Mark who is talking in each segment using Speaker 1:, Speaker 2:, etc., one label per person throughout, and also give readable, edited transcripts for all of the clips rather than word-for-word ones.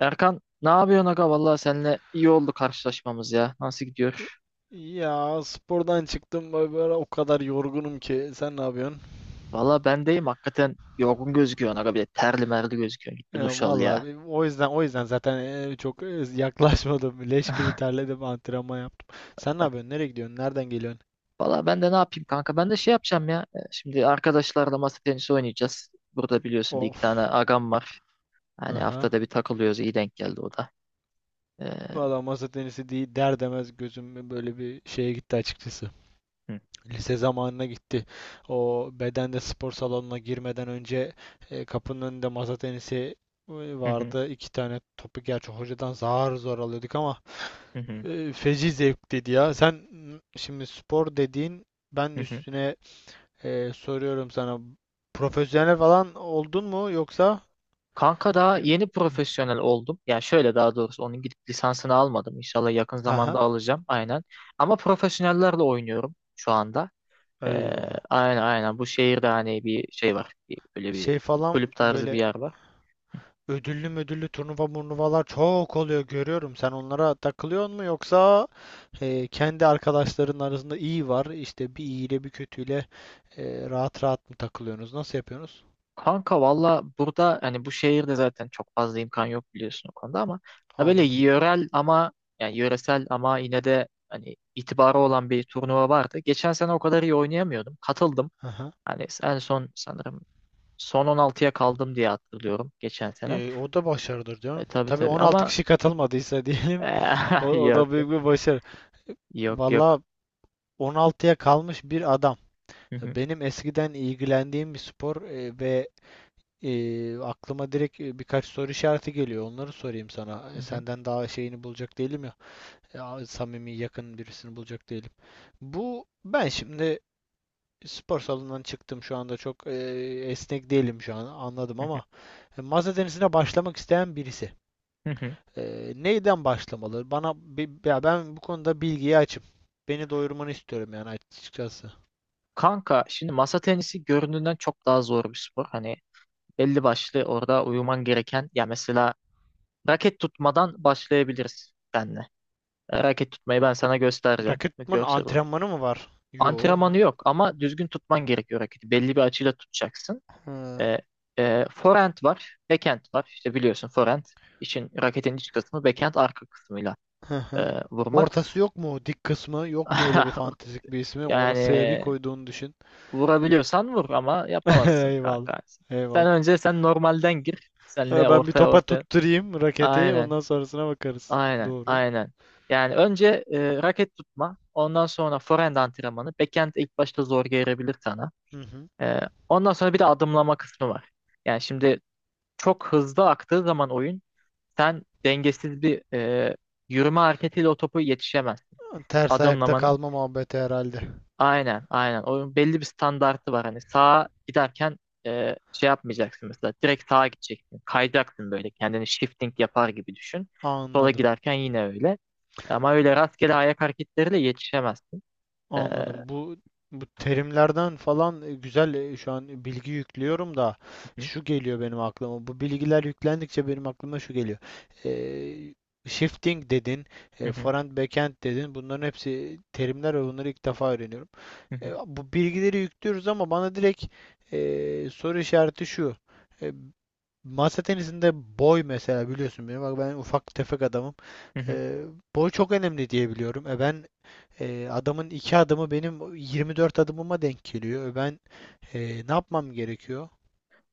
Speaker 1: Erkan ne yapıyorsun aga? Valla seninle iyi oldu karşılaşmamız ya. Nasıl gidiyor?
Speaker 2: Ya spordan çıktım böyle böyle o kadar yorgunum ki. Sen ne yapıyorsun?
Speaker 1: Valla ben deyim hakikaten yorgun gözüküyorsun aga bir de terli merli gözüküyorsun. Git bir
Speaker 2: Ya
Speaker 1: duş al
Speaker 2: vallahi
Speaker 1: ya.
Speaker 2: o yüzden zaten çok yaklaşmadım. Leş gibi terledim, antrenman yaptım. Sen ne yapıyorsun? Nereye gidiyorsun? Nereden geliyorsun?
Speaker 1: Valla ben de ne yapayım kanka? Ben de şey yapacağım ya. Şimdi arkadaşlarla masa tenisi oynayacağız. Burada biliyorsun bir iki tane
Speaker 2: Of.
Speaker 1: agam var. Hani
Speaker 2: Aha.
Speaker 1: haftada bir takılıyoruz. İyi denk geldi o da. E,
Speaker 2: Valla masa tenisi değil der demez gözüm böyle bir şeye gitti açıkçası.
Speaker 1: hı,
Speaker 2: Lise zamanına gitti. O bedende spor salonuna girmeden önce kapının önünde masa tenisi e,
Speaker 1: hı, hı,
Speaker 2: vardı. İki tane topu gerçi hocadan zar zor alıyorduk ama
Speaker 1: hı,
Speaker 2: feci zevkliydi ya. Sen şimdi spor dediğin ben
Speaker 1: hı, hı.
Speaker 2: üstüne soruyorum sana profesyonel falan oldun mu yoksa?
Speaker 1: Kanka daha
Speaker 2: Yo-
Speaker 1: yeni profesyonel oldum. Yani şöyle daha doğrusu onun gidip lisansını almadım. İnşallah yakın zamanda
Speaker 2: Aha,
Speaker 1: alacağım. Aynen. Ama profesyonellerle oynuyorum şu anda. Ee,
Speaker 2: eyvallah.
Speaker 1: aynen aynen. Bu şehirde hani bir şey var. Bir, böyle bir
Speaker 2: Şey falan
Speaker 1: kulüp tarzı bir
Speaker 2: böyle
Speaker 1: yer var.
Speaker 2: ödüllü ödüllü turnuva murnuvalar çok oluyor görüyorum. Sen onlara takılıyor mu yoksa kendi arkadaşların arasında iyi var. İşte bir iyiyle bir kötüyle rahat rahat mı takılıyorsunuz? Nasıl yapıyorsunuz?
Speaker 1: Kanka valla burada hani bu şehirde zaten çok fazla imkan yok biliyorsun o konuda ama da böyle
Speaker 2: Anladım.
Speaker 1: yörel ama yani yöresel ama yine de hani itibarı olan bir turnuva vardı. Geçen sene o kadar iyi oynayamıyordum. Katıldım.
Speaker 2: Aha.
Speaker 1: Hani en son sanırım son 16'ya kaldım diye hatırlıyorum geçen sene.
Speaker 2: O da başarıdır diyorum.
Speaker 1: Tabii
Speaker 2: Tabii
Speaker 1: tabii
Speaker 2: 16
Speaker 1: ama
Speaker 2: kişi katılmadıysa diyelim o, o
Speaker 1: yok
Speaker 2: da
Speaker 1: yok
Speaker 2: büyük bir başarı.
Speaker 1: yok.
Speaker 2: Valla
Speaker 1: Yok.
Speaker 2: 16'ya kalmış bir adam.
Speaker 1: Hı hı,
Speaker 2: Benim eskiden ilgilendiğim bir spor ve aklıma direkt birkaç soru işareti geliyor. Onları sorayım sana.
Speaker 1: hı hı,
Speaker 2: Senden daha şeyini bulacak değilim ya. Ya, samimi yakın birisini bulacak değilim. Bu ben şimdi spor salonundan çıktım şu anda çok esnek değilim şu an anladım
Speaker 1: hı hı,
Speaker 2: ama masa tenisine başlamak isteyen birisi.
Speaker 1: hı hı.
Speaker 2: Neyden başlamalı? Bana ya ben bu konuda bilgiye açım. Beni doyurmanı istiyorum yani açıkçası.
Speaker 1: Kanka şimdi masa tenisi göründüğünden çok daha zor bir spor. Hani belli başlı orada uyuman gereken ya mesela raket tutmadan başlayabiliriz seninle. Raket tutmayı
Speaker 2: A-
Speaker 1: ben sana göstereceğim
Speaker 2: Raketman
Speaker 1: görsel olarak.
Speaker 2: antrenmanı mı var? Yo.
Speaker 1: Antrenmanı yok ama düzgün tutman gerekiyor raketi. Belli bir açıyla tutacaksın.
Speaker 2: Hı,
Speaker 1: E, forehand var, backhand var. İşte biliyorsun forehand için raketin iç kısmı, backhand arka kısmıyla
Speaker 2: hı hı.
Speaker 1: vurmak.
Speaker 2: Ortası yok mu? Dik kısmı yok mu öyle bir fantastik bir ismi?
Speaker 1: Yani
Speaker 2: Orasıya bir koyduğunu düşün.
Speaker 1: vurabiliyorsan vur ama yapamazsın
Speaker 2: Eyvallah.
Speaker 1: kanka. Sen
Speaker 2: Eyvallah.
Speaker 1: önce normalden gir. Senle
Speaker 2: Ha, ben bir
Speaker 1: ortaya
Speaker 2: topa
Speaker 1: ortaya.
Speaker 2: tutturayım raketi.
Speaker 1: Aynen.
Speaker 2: Ondan sonrasına bakarız.
Speaker 1: Aynen,
Speaker 2: Doğru.
Speaker 1: aynen. Yani önce raket tutma, ondan sonra forehand antrenmanı. Backhand ilk başta zor gelebilir sana.
Speaker 2: Hı hı.
Speaker 1: E, ondan sonra bir de adımlama kısmı var. Yani şimdi çok hızlı aktığı zaman oyun, sen dengesiz bir yürüme hareketiyle o topu yetişemezsin.
Speaker 2: Ters ayakta
Speaker 1: Adımlaman
Speaker 2: kalma muhabbeti herhalde.
Speaker 1: aynen, aynen. Oyun belli bir standartı var. Hani sağa giderken şey yapmayacaksın mesela. Direkt sağa gideceksin. Kayacaksın böyle. Kendini shifting yapar gibi düşün. Sola
Speaker 2: Anladım.
Speaker 1: giderken yine öyle. Ama öyle rastgele ayak hareketleriyle yetişemezsin. E, hı
Speaker 2: Anladım. Bu terimlerden falan güzel şu an bilgi yüklüyorum da
Speaker 1: hı,
Speaker 2: şu geliyor benim aklıma. Bu bilgiler yüklendikçe benim aklıma şu geliyor. Ee, shifting dedin,
Speaker 1: hı hı,
Speaker 2: forehand backhand dedin. Bunların hepsi terimler ve bunları ilk defa öğreniyorum.
Speaker 1: hı hı,
Speaker 2: Bu bilgileri yüklüyoruz ama bana direkt soru işareti şu. E, Masa tenisinde boy mesela biliyorsun beni. Bak ben ufak tefek adamım.
Speaker 1: hı hı.
Speaker 2: Ee, boy çok önemli diye biliyorum. Ben adamın iki adımı benim 24 adımıma denk geliyor. Ben e, ne yapmam gerekiyor?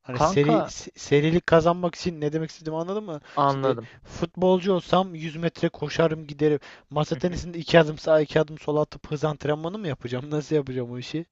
Speaker 2: Hani seri
Speaker 1: Kanka
Speaker 2: serilik kazanmak için ne demek istediğimi anladın mı? Şimdi
Speaker 1: anladım.
Speaker 2: futbolcu olsam 100 metre koşarım giderim. Masa tenisinde iki adım sağa iki adım sola atıp hız antrenmanı mı yapacağım? Nasıl yapacağım o işi?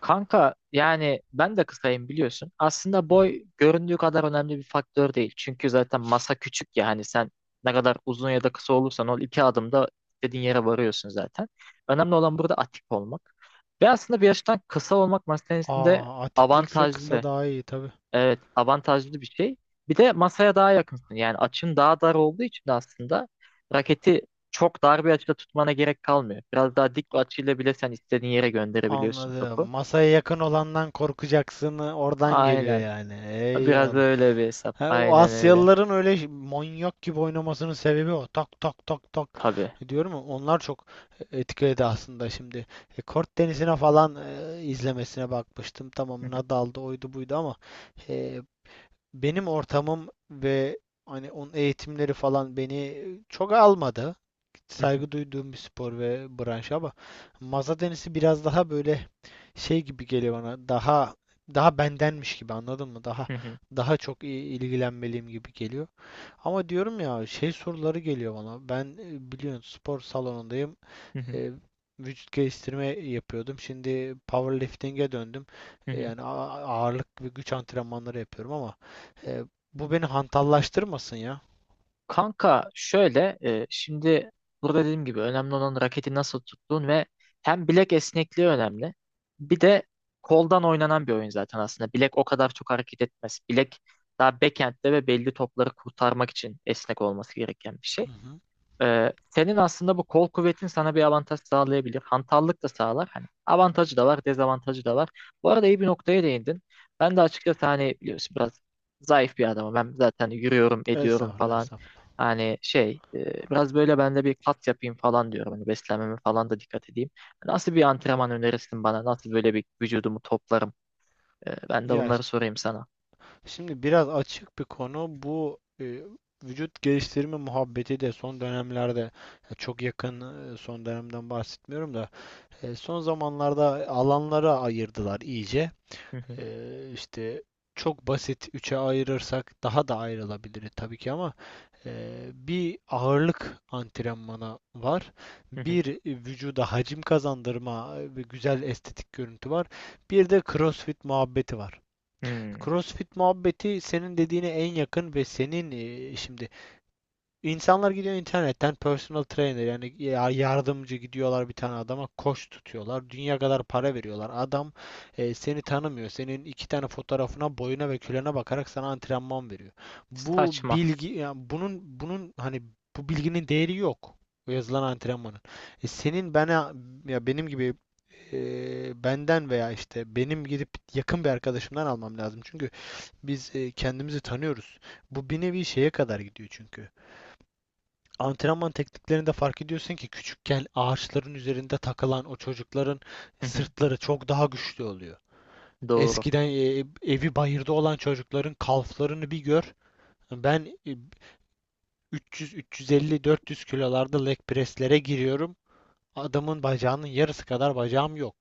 Speaker 1: Kanka yani ben de kısayım biliyorsun. Aslında
Speaker 2: Hı hı.
Speaker 1: boy göründüğü kadar önemli bir faktör değil. Çünkü zaten masa küçük ya hani sen ne kadar uzun ya da kısa olursan ol iki adımda istediğin yere varıyorsun zaten. Önemli olan burada atik olmak. Ve aslında bir yaştan kısa olmak masa tenisinde
Speaker 2: Aa, atiklikse kısa
Speaker 1: avantajlı.
Speaker 2: daha iyi tabii.
Speaker 1: Evet avantajlı bir şey. Bir de masaya daha yakınsın. Yani açın daha dar olduğu için de aslında raketi çok dar bir açıda tutmana gerek kalmıyor. Biraz daha dik bir açıyla bile sen istediğin yere gönderebiliyorsun
Speaker 2: Anladım.
Speaker 1: topu.
Speaker 2: Masaya yakın olandan korkacaksın. Oradan geliyor
Speaker 1: Aynen.
Speaker 2: yani.
Speaker 1: Biraz da
Speaker 2: Eyvallah.
Speaker 1: öyle bir hesap.
Speaker 2: Ha, o
Speaker 1: Aynen öyle.
Speaker 2: Asyalıların öyle manyak gibi oynamasının sebebi o. Tak tak tak tak.
Speaker 1: Tabii.
Speaker 2: Diyorum ya onlar çok etkiledi aslında şimdi. Kort Denizi'ne falan izlemesine bakmıştım.
Speaker 1: Hı
Speaker 2: Tamam
Speaker 1: hı,
Speaker 2: Nadal'dı oydu buydu ama e, benim ortamım ve hani onun eğitimleri falan beni çok almadı.
Speaker 1: hı hı,
Speaker 2: Saygı duyduğum bir spor ve branş ama masa tenisi biraz daha böyle şey gibi geliyor bana. Daha daha bendenmiş gibi anladın mı? Daha
Speaker 1: hı hı,
Speaker 2: daha çok ilgilenmeliyim gibi geliyor. Ama diyorum ya şey soruları geliyor bana. Ben biliyorsun spor salonundayım.
Speaker 1: hı hı,
Speaker 2: E, Vücut geliştirme yapıyordum. Şimdi powerlifting'e döndüm.
Speaker 1: hı
Speaker 2: E,
Speaker 1: hı.
Speaker 2: yani ağırlık ve güç antrenmanları yapıyorum ama e, bu beni hantallaştırmasın ya.
Speaker 1: Kanka şöyle şimdi burada dediğim gibi önemli olan raketi nasıl tuttuğun ve hem bilek esnekliği önemli. Bir de koldan oynanan bir oyun zaten aslında. Bilek o kadar çok hareket etmez. Bilek daha backhand'de ve belli topları kurtarmak için esnek olması gereken bir şey.
Speaker 2: Hı hı.
Speaker 1: Senin aslında bu kol kuvvetin sana bir avantaj sağlayabilir. Hantallık da sağlar. Hani avantajı da var, dezavantajı da var. Bu arada iyi bir noktaya değindin. Ben de açıkçası hani biliyorsun biraz zayıf bir adamım. Ben zaten yürüyorum, ediyorum
Speaker 2: Estağfurullah,
Speaker 1: falan.
Speaker 2: estağfurullah.
Speaker 1: Hani şey, biraz böyle ben de bir kat yapayım falan diyorum. Hani beslenmeme falan da dikkat edeyim. Nasıl bir antrenman önerirsin bana? Nasıl böyle bir vücudumu toplarım? Ben de
Speaker 2: Ya
Speaker 1: bunları sorayım sana.
Speaker 2: şimdi biraz açık bir konu bu vücut geliştirme muhabbeti de son dönemlerde ya çok yakın son dönemden bahsetmiyorum da son zamanlarda alanlara ayırdılar iyice.
Speaker 1: Hı hı,
Speaker 2: E, işte çok basit üçe ayırırsak daha da ayrılabilir tabii ki ama bir ağırlık antrenmanı var.
Speaker 1: hı hı.
Speaker 2: Bir vücuda hacim kazandırma ve güzel estetik görüntü var. Bir de CrossFit muhabbeti var.
Speaker 1: Hmm.
Speaker 2: CrossFit muhabbeti senin dediğine en yakın ve senin şimdi insanlar gidiyor internetten personal trainer yani yardımcı gidiyorlar bir tane adama koç tutuyorlar. Dünya kadar para veriyorlar. Adam seni tanımıyor. Senin iki tane fotoğrafına, boyuna ve kilona bakarak sana antrenman veriyor. Bu
Speaker 1: Saçma.
Speaker 2: bilgi yani bunun hani bu bilginin değeri yok. O yazılan antrenmanın. Senin bana ya benim gibi e, benden veya işte benim gidip yakın bir arkadaşımdan almam lazım. Çünkü biz kendimizi tanıyoruz. Bu bir nevi şeye kadar gidiyor çünkü. Antrenman tekniklerinde fark ediyorsun ki küçükken ağaçların üzerinde takılan o çocukların
Speaker 1: Hı hı.
Speaker 2: sırtları çok daha güçlü oluyor.
Speaker 1: Doğru.
Speaker 2: Eskiden evi bayırda olan çocukların kalflarını bir gör. Ben 300, 350, 400 kilolarda leg presslere giriyorum. Adamın bacağının yarısı kadar bacağım yok.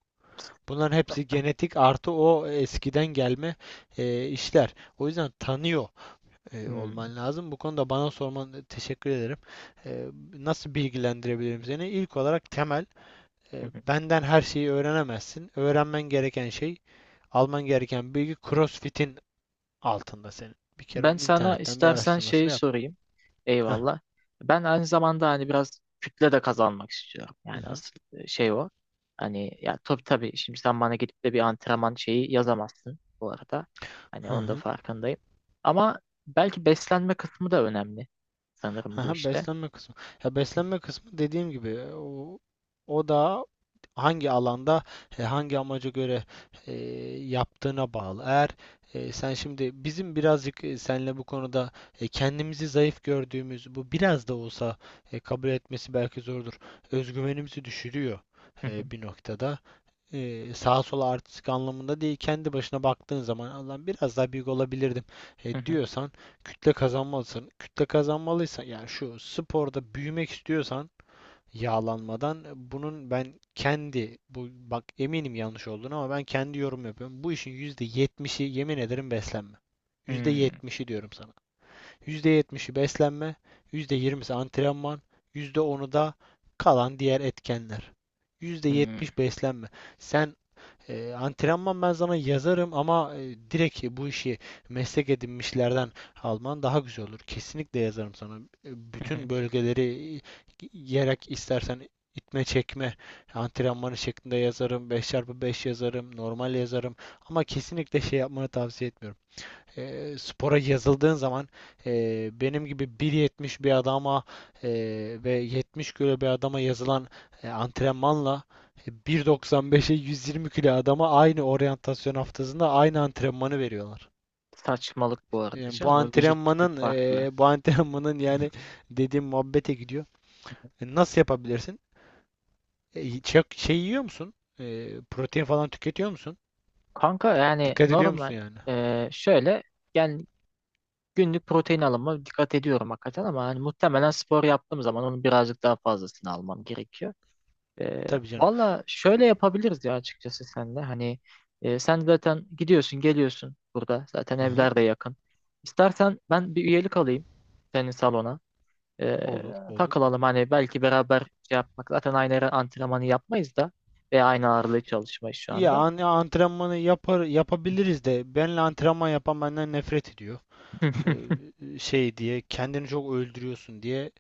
Speaker 2: Bunların hepsi genetik artı o eskiden gelme işler. O yüzden tanıyor
Speaker 1: Hmm.
Speaker 2: olman lazım. Bu konuda bana sorman teşekkür ederim. E, nasıl bilgilendirebilirim seni? İlk olarak temel,
Speaker 1: Hı hı.
Speaker 2: benden her şeyi öğrenemezsin. Öğrenmen gereken şey, alman gereken bilgi CrossFit'in altında senin. Bir kere
Speaker 1: Ben
Speaker 2: onun
Speaker 1: sana
Speaker 2: internetten bir
Speaker 1: istersen şeyi
Speaker 2: araştırmasını yap.
Speaker 1: sorayım.
Speaker 2: Heh.
Speaker 1: Eyvallah. Ben aynı zamanda hani biraz kütle de kazanmak istiyorum.
Speaker 2: Hı
Speaker 1: Yani
Speaker 2: hı.
Speaker 1: asıl şey o. Hani ya tabii tabii şimdi sen bana gidip de bir antrenman şeyi yazamazsın bu arada. Hani
Speaker 2: Hı
Speaker 1: onun da
Speaker 2: hı.
Speaker 1: farkındayım. Ama belki beslenme kısmı da önemli sanırım bu
Speaker 2: Aha,
Speaker 1: işte.
Speaker 2: beslenme kısmı. Ya beslenme kısmı dediğim gibi o da hangi alanda hangi amaca göre e, yaptığına bağlı. Eğer sen şimdi bizim birazcık seninle bu konuda kendimizi zayıf gördüğümüz bu biraz da olsa kabul etmesi belki zordur. Özgüvenimizi düşürüyor
Speaker 1: Hı hı,
Speaker 2: bir noktada sağa sola artistik anlamında değil kendi başına baktığın zaman Allah'ım biraz daha büyük olabilirdim
Speaker 1: hı hı,
Speaker 2: diyorsan kütle kazanmalısın. Kütle kazanmalıysan yani şu sporda büyümek istiyorsan yağlanmadan bunun ben kendi bu bak eminim yanlış olduğunu ama ben kendi yorum yapıyorum. Bu işin %70'i yemin ederim beslenme. yüzde
Speaker 1: hmm,
Speaker 2: yetmişi diyorum sana. %70'i beslenme, %20'si antrenman, %10'u da kalan diğer etkenler. yüzde
Speaker 1: hmm,
Speaker 2: yetmiş beslenme. Sen antrenman ben sana yazarım ama direkt bu işi meslek edinmişlerden alman daha güzel olur. Kesinlikle yazarım sana.
Speaker 1: hı hı.
Speaker 2: Bütün bölgeleri yerek istersen itme çekme antrenmanı şeklinde yazarım. 5x5 yazarım. Normal yazarım. Ama kesinlikle şey yapmanı tavsiye etmiyorum spora yazıldığın zaman benim gibi 1.70 bir adama e, ve 70 kilo bir adama yazılan antrenmanla 1.95'e 120 kilo adama aynı oryantasyon haftasında aynı antrenmanı veriyorlar.
Speaker 1: Saçmalık bu arada
Speaker 2: Yani
Speaker 1: canım. O vücut tipi farklı.
Speaker 2: bu antrenmanın yani dediğim muhabbete gidiyor. Nasıl yapabilirsin? Çok şey yiyor musun? Protein falan tüketiyor musun?
Speaker 1: Kanka yani
Speaker 2: Dikkat ediyor
Speaker 1: normal
Speaker 2: musun yani?
Speaker 1: şöyle yani günlük protein alımı dikkat ediyorum hakikaten ama hani muhtemelen spor yaptığım zaman onun birazcık daha fazlasını almam gerekiyor.
Speaker 2: Tabii canım.
Speaker 1: Valla şöyle yapabiliriz ya açıkçası senle. Hani sen zaten gidiyorsun geliyorsun burada. Zaten
Speaker 2: Aha.
Speaker 1: evler de yakın. İstersen ben bir üyelik alayım senin salona. Ee,
Speaker 2: Olur, olur.
Speaker 1: takılalım hani belki beraber şey yapmak. Zaten aynı ara antrenmanı yapmayız da. Ve aynı ağırlığı çalışmayız şu
Speaker 2: Ya
Speaker 1: anda.
Speaker 2: antrenmanı yapar yapabiliriz de benle antrenman yapan benden nefret ediyor.
Speaker 1: Hı hı,
Speaker 2: Şey diye kendini çok öldürüyorsun diye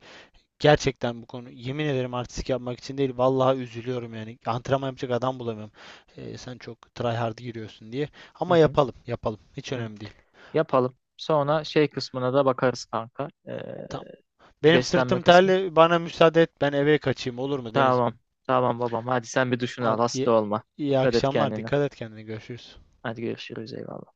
Speaker 2: gerçekten bu konu yemin ederim artistik yapmak için değil vallahi üzülüyorum yani antrenman yapacak adam bulamıyorum. Sen çok try hard giriyorsun diye
Speaker 1: hı
Speaker 2: ama
Speaker 1: hı.
Speaker 2: yapalım yapalım hiç
Speaker 1: Hı.
Speaker 2: önemli değil.
Speaker 1: Yapalım. Sonra şey kısmına da bakarız kanka.
Speaker 2: Tamam. Benim
Speaker 1: Beslenme
Speaker 2: sırtım
Speaker 1: kısmı.
Speaker 2: terli bana müsaade et ben eve kaçayım olur mu Deniz'im?
Speaker 1: Tamam. Tamam babam. Hadi sen bir duşunu al.
Speaker 2: Hadi iyi,
Speaker 1: Hasta olma.
Speaker 2: iyi
Speaker 1: Dikkat et
Speaker 2: akşamlar
Speaker 1: kendine.
Speaker 2: dikkat et kendine görüşürüz.
Speaker 1: Hadi görüşürüz. Eyvallah.